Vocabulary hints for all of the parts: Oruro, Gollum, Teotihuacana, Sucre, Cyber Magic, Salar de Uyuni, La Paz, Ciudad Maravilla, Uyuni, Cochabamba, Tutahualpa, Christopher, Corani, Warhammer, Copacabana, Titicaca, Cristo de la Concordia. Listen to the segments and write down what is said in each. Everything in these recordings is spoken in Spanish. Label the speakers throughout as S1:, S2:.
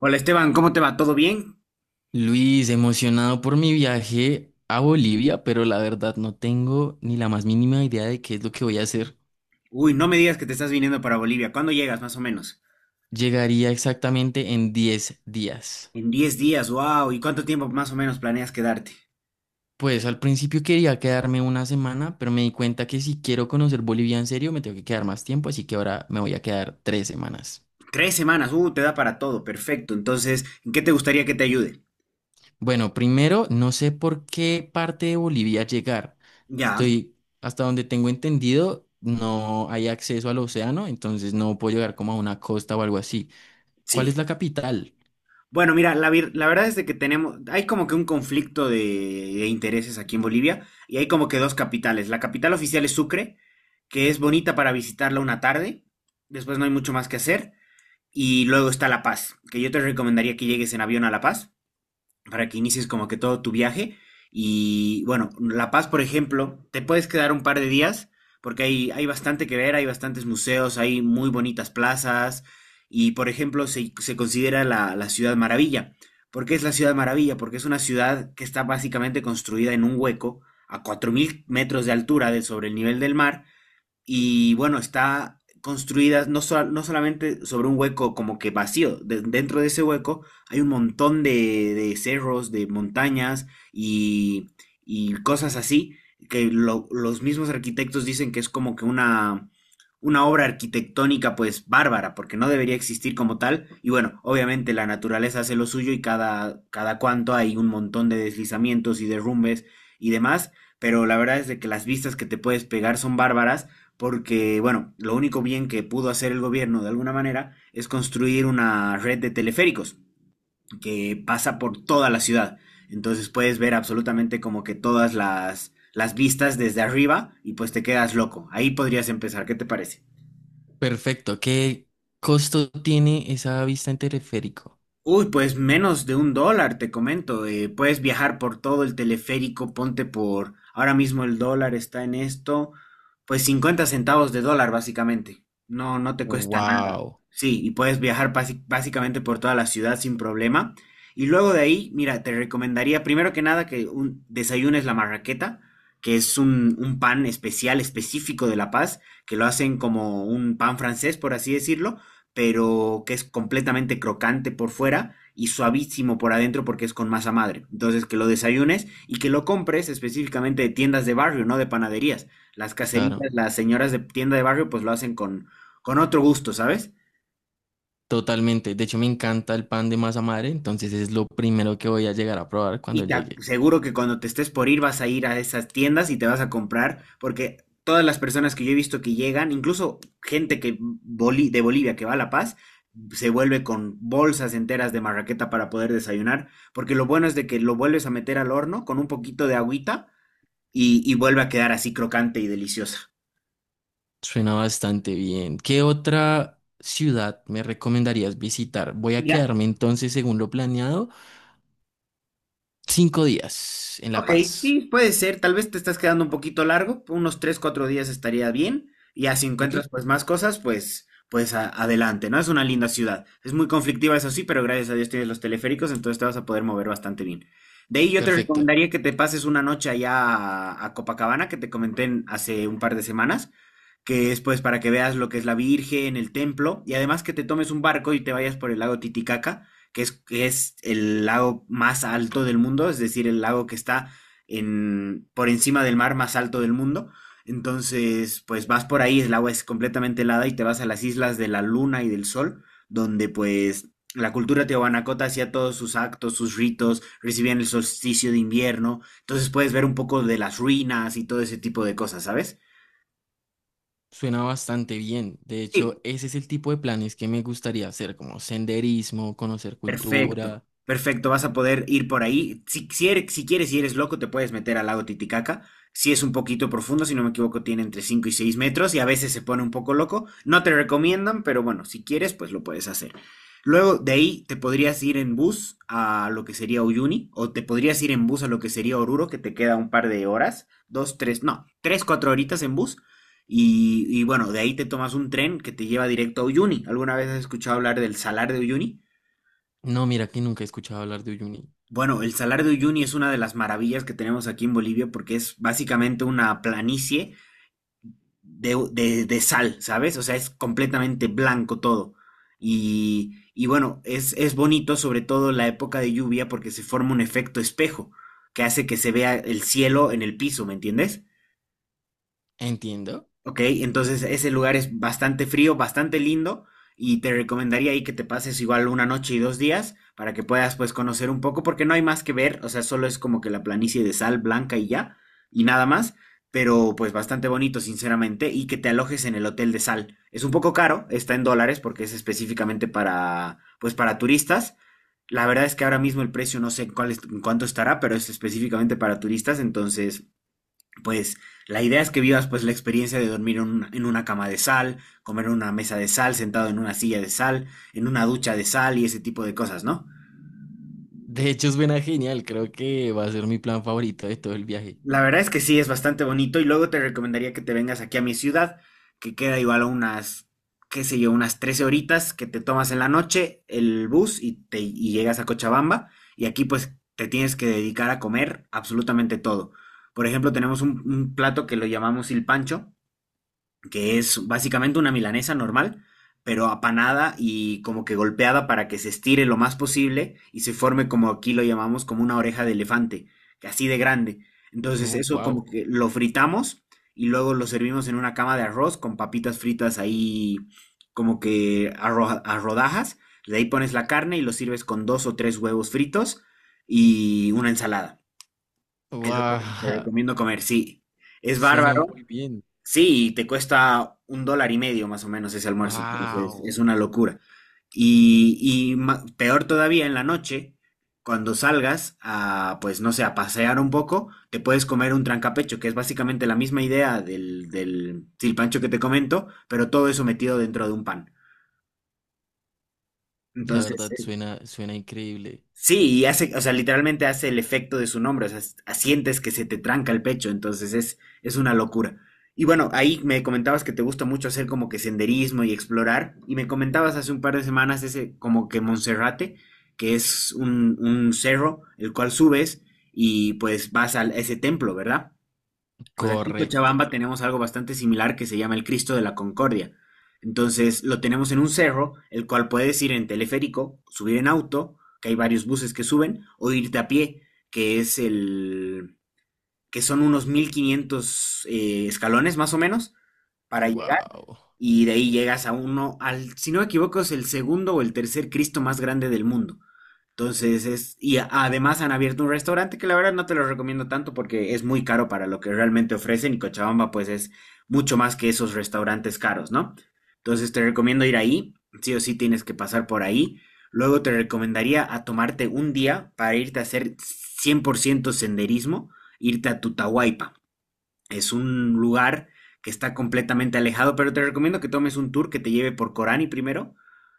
S1: Hola Esteban, ¿cómo te va? ¿Todo bien?
S2: Luis, emocionado por mi viaje a Bolivia, pero la verdad no tengo ni la más mínima idea de qué es lo que voy a hacer.
S1: Uy, no me digas que te estás viniendo para Bolivia. ¿Cuándo llegas más o menos?
S2: Llegaría exactamente en 10 días.
S1: En 10 días, wow. ¿Y cuánto tiempo más o menos planeas quedarte?
S2: Pues al principio quería quedarme una semana, pero me di cuenta que si quiero conocer Bolivia en serio me tengo que quedar más tiempo, así que ahora me voy a quedar 3 semanas.
S1: 3 semanas, te da para todo, perfecto. Entonces, ¿en qué te gustaría que te ayude?
S2: Bueno, primero no sé por qué parte de Bolivia llegar.
S1: Ya,
S2: Estoy, hasta donde tengo entendido, no hay acceso al océano, entonces no puedo llegar como a una costa o algo así. ¿Cuál
S1: sí.
S2: es la capital?
S1: Bueno, mira, la verdad es de que tenemos, hay como que un conflicto de intereses aquí en Bolivia y hay como que dos capitales. La capital oficial es Sucre, que es bonita para visitarla una tarde, después no hay mucho más que hacer. Y luego está La Paz, que yo te recomendaría que llegues en avión a La Paz, para que inicies como que todo tu viaje. Y bueno, La Paz, por ejemplo, te puedes quedar un par de días porque hay bastante que ver, hay bastantes museos, hay muy bonitas plazas y, por ejemplo, se considera la Ciudad Maravilla. ¿Por qué es la Ciudad Maravilla? Porque es una ciudad que está básicamente construida en un hueco a 4.000 metros de altura sobre el nivel del mar y bueno, está construida no solamente sobre un hueco como que vacío, dentro de ese hueco hay un montón de cerros, de montañas y, y cosas así, que los mismos arquitectos dicen que es como que una obra arquitectónica pues bárbara, porque no debería existir como tal. Y bueno, obviamente la naturaleza hace lo suyo y cada cuanto hay un montón de deslizamientos y derrumbes y demás, pero la verdad es de que las vistas que te puedes pegar son bárbaras porque, bueno, lo único bien que pudo hacer el gobierno de alguna manera es construir una red de teleféricos que pasa por toda la ciudad. Entonces puedes ver absolutamente como que todas las vistas desde arriba y pues te quedas loco. Ahí podrías empezar, ¿qué te parece?
S2: Perfecto. ¿Qué costo tiene esa vista en teleférico?
S1: Uy, pues menos de un dólar, te comento. Eh, puedes viajar por todo el teleférico, ponte por... Ahora mismo el dólar está en esto, pues 50 centavos de dólar básicamente. No, no te cuesta nada.
S2: Wow,
S1: Sí, y puedes viajar básicamente por toda la ciudad sin problema. Y luego de ahí, mira, te recomendaría primero que nada que desayunes la marraqueta, que es un pan especial, específico de La Paz, que lo hacen como un pan francés, por así decirlo, pero que es completamente crocante por fuera y suavísimo por adentro porque es con masa madre. Entonces, que lo desayunes y que lo compres específicamente de tiendas de barrio, no de panaderías. Las caseritas,
S2: claro,
S1: las señoras de tienda de barrio, pues lo hacen con otro gusto, ¿sabes?
S2: totalmente. De hecho, me encanta el pan de masa madre, entonces es lo primero que voy a llegar a probar cuando
S1: Y
S2: llegue.
S1: seguro que cuando te estés por ir vas a ir a esas tiendas y te vas a comprar, porque todas las personas que yo he visto que llegan, incluso gente de Bolivia que va a La Paz, se vuelve con bolsas enteras de marraqueta para poder desayunar, porque lo bueno es de que lo vuelves a meter al horno con un poquito de agüita y vuelve a quedar así crocante y deliciosa.
S2: Suena bastante bien. ¿Qué otra ciudad me recomendarías visitar? Voy a
S1: Ya.
S2: quedarme entonces, según lo planeado, 5 días en La
S1: Ok,
S2: Paz.
S1: sí, puede ser. Tal vez te estás quedando un poquito largo, unos 3 4 días estaría bien. Y ya si
S2: ¿Ok?
S1: encuentras pues más cosas, pues adelante, ¿no? Es una linda ciudad. Es muy conflictiva, eso sí, pero gracias a Dios tienes los teleféricos, entonces te vas a poder mover bastante bien. De ahí yo te
S2: Perfecto.
S1: recomendaría que te pases una noche allá a Copacabana, que te comenté hace un par de semanas, que es pues para que veas lo que es la Virgen, el templo, y además que te tomes un barco y te vayas por el lago Titicaca, que es el lago más alto del mundo, es decir, el lago que está por encima del mar más alto del mundo. Entonces, pues vas por ahí, el agua es completamente helada y te vas a las islas de la luna y del sol, donde pues la cultura Teotihuacana hacía todos sus actos, sus ritos, recibían el solsticio de invierno. Entonces puedes ver un poco de las ruinas y todo ese tipo de cosas, ¿sabes?
S2: Suena bastante bien. De
S1: Sí,
S2: hecho, ese es el tipo de planes que me gustaría hacer, como senderismo, conocer
S1: perfecto,
S2: cultura.
S1: perfecto, vas a poder ir por ahí. Si si quieres y eres loco, te puedes meter al lago Titicaca. Si es un poquito profundo, si no me equivoco, tiene entre 5 y 6 metros y a veces se pone un poco loco. No te recomiendan, pero bueno, si quieres, pues lo puedes hacer. Luego de ahí te podrías ir en bus a lo que sería Uyuni o te podrías ir en bus a lo que sería Oruro, que te queda un par de horas, dos, tres, no, tres, cuatro horitas en bus. Y bueno, de ahí te tomas un tren que te lleva directo a Uyuni. ¿Alguna vez has escuchado hablar del Salar de Uyuni?
S2: No, mira que nunca he escuchado hablar de Uyuni.
S1: Bueno, el Salar de Uyuni es una de las maravillas que tenemos aquí en Bolivia porque es básicamente una planicie de sal, ¿sabes? O sea, es completamente blanco todo. Y bueno, es bonito sobre todo en la época de lluvia porque se forma un efecto espejo que hace que se vea el cielo en el piso, ¿me entiendes?
S2: Entiendo.
S1: Ok, entonces ese lugar es bastante frío, bastante lindo y te recomendaría ahí que te pases igual una noche y dos días para que puedas pues conocer un poco porque no hay más que ver, o sea, solo es como que la planicie de sal blanca y ya y nada más, pero pues bastante bonito sinceramente y que te alojes en el hotel de sal. Es un poco caro, está en dólares porque es específicamente para turistas. La verdad es que ahora mismo el precio no sé en cuál es en cuánto estará, pero es específicamente para turistas, entonces pues la idea es que vivas pues la experiencia de dormir en una cama de sal, comer en una mesa de sal, sentado en una silla de sal, en una ducha de sal y ese tipo de cosas, ¿no?
S2: De hecho, suena genial. Creo que va a ser mi plan favorito de todo el viaje.
S1: La verdad es que sí, es bastante bonito y luego te recomendaría que te vengas aquí a mi ciudad, que queda igual a unas, qué sé yo, unas 13 horitas que te tomas en la noche el bus y y llegas a Cochabamba y aquí pues te tienes que dedicar a comer absolutamente todo. Por ejemplo, tenemos un plato que lo llamamos il pancho, que es básicamente una milanesa normal, pero apanada y como que golpeada para que se estire lo más posible y se forme como aquí lo llamamos como una oreja de elefante, que así de grande. Entonces
S2: Oh,
S1: eso como
S2: wow.
S1: que lo fritamos y luego lo servimos en una cama de arroz con papitas fritas ahí como que a rodajas. De ahí pones la carne y lo sirves con dos o tres huevos fritos y una ensalada. Eso te
S2: Wow.
S1: recomiendo comer, sí. Es
S2: Suena
S1: bárbaro.
S2: muy bien.
S1: Sí, y te cuesta un dólar y medio más o menos ese almuerzo, entonces es
S2: Wow.
S1: una locura. Y, y peor todavía en la noche, cuando salgas a, pues no sé, a pasear un poco, te puedes comer un trancapecho, que es básicamente la misma idea del silpancho que te comento, pero todo eso metido dentro de un pan.
S2: La
S1: Entonces.
S2: verdad, suena, suena increíble.
S1: Sí, y hace, o sea, literalmente hace el efecto de su nombre, o sea, sientes que se te tranca el pecho, entonces es una locura. Y bueno, ahí me comentabas que te gusta mucho hacer como que senderismo y explorar, y me comentabas hace un par de semanas ese como que Monserrate, que es un cerro el cual subes y pues vas a ese templo, ¿verdad? Pues aquí en
S2: Correcto.
S1: Cochabamba tenemos algo bastante similar que se llama el Cristo de la Concordia. Entonces lo tenemos en un cerro, el cual puedes ir en teleférico, subir en auto, que hay varios buses que suben, o irte a pie, que es el, que son unos 1500 escalones más o menos para llegar,
S2: Wow.
S1: y de ahí llegas si no me equivoco, es el segundo o el tercer Cristo más grande del mundo. Entonces, además han abierto un restaurante que la verdad no te lo recomiendo tanto porque es muy caro para lo que realmente ofrecen y Cochabamba pues es mucho más que esos restaurantes caros, ¿no? Entonces te recomiendo ir ahí, sí o sí tienes que pasar por ahí. Luego te recomendaría a tomarte un día para irte a hacer 100% senderismo, irte a Tutahualpa. Es un lugar que está completamente alejado, pero te recomiendo que tomes un tour que te lleve por Corani primero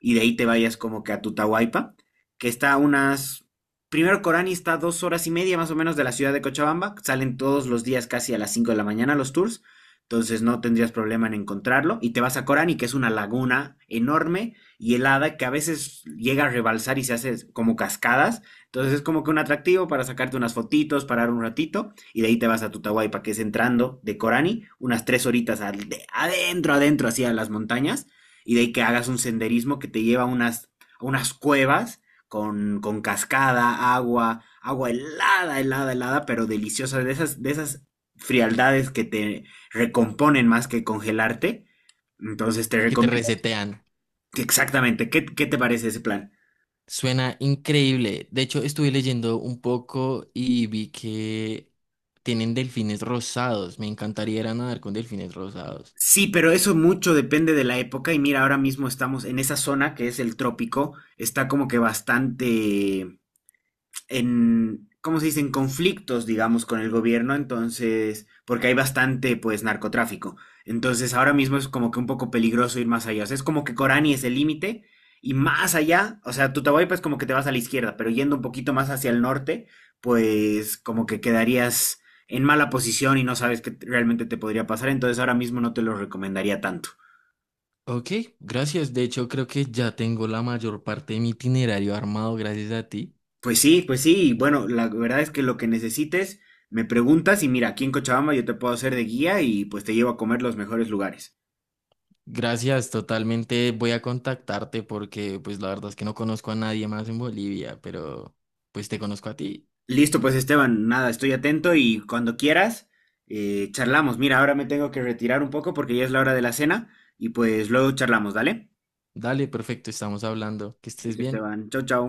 S1: y de ahí te vayas como que a Tutahualpa, que está a unas... Primero Corani está a 2 horas y media más o menos de la ciudad de Cochabamba, salen todos los días casi a las 5 de la mañana los tours, entonces no tendrías problema en encontrarlo y te vas a Corani, que es una laguna enorme y helada que a veces llega a rebalsar y se hace como cascadas, entonces es como que un atractivo para sacarte unas fotitos, parar un ratito y de ahí te vas a Tutahualpa, que es entrando de Corani, unas 3 horitas adentro, adentro, hacia las montañas, y de ahí que hagas un senderismo que te lleva a unas, cuevas con cascada, agua, agua helada, helada, helada, pero deliciosa, de esas frialdades que te recomponen más que congelarte. Entonces te
S2: Que te
S1: recomiendo
S2: resetean.
S1: que exactamente, ¿qué, te parece ese plan?
S2: Suena increíble. De hecho, estuve leyendo un poco y vi que tienen delfines rosados. Me encantaría ir a nadar con delfines rosados.
S1: Sí, pero eso mucho depende de la época y mira, ahora mismo estamos en esa zona que es el trópico, está como que bastante, en, ¿cómo se dice?, en conflictos, digamos, con el gobierno, entonces, porque hay bastante, pues, narcotráfico. Entonces, ahora mismo es como que un poco peligroso ir más allá. O sea, es como que Corani es el límite y más allá, o sea, Tutahualpa es como que te vas a la izquierda, pero yendo un poquito más hacia el norte, pues, como que quedarías en mala posición y no sabes qué realmente te podría pasar, entonces ahora mismo no te lo recomendaría tanto.
S2: Ok, gracias. De hecho, creo que ya tengo la mayor parte de mi itinerario armado gracias a ti.
S1: Pues sí, y bueno, la verdad es que lo que necesites, me preguntas y mira, aquí en Cochabamba yo te puedo hacer de guía y pues te llevo a comer los mejores lugares.
S2: Gracias, totalmente voy a contactarte porque pues la verdad es que no conozco a nadie más en Bolivia, pero pues te conozco a ti.
S1: Listo, pues Esteban, nada, estoy atento y cuando quieras, charlamos. Mira, ahora me tengo que retirar un poco porque ya es la hora de la cena y pues luego charlamos, ¿dale?
S2: Dale, perfecto, estamos hablando. Que estés
S1: Listo,
S2: bien.
S1: Esteban, chau, chau.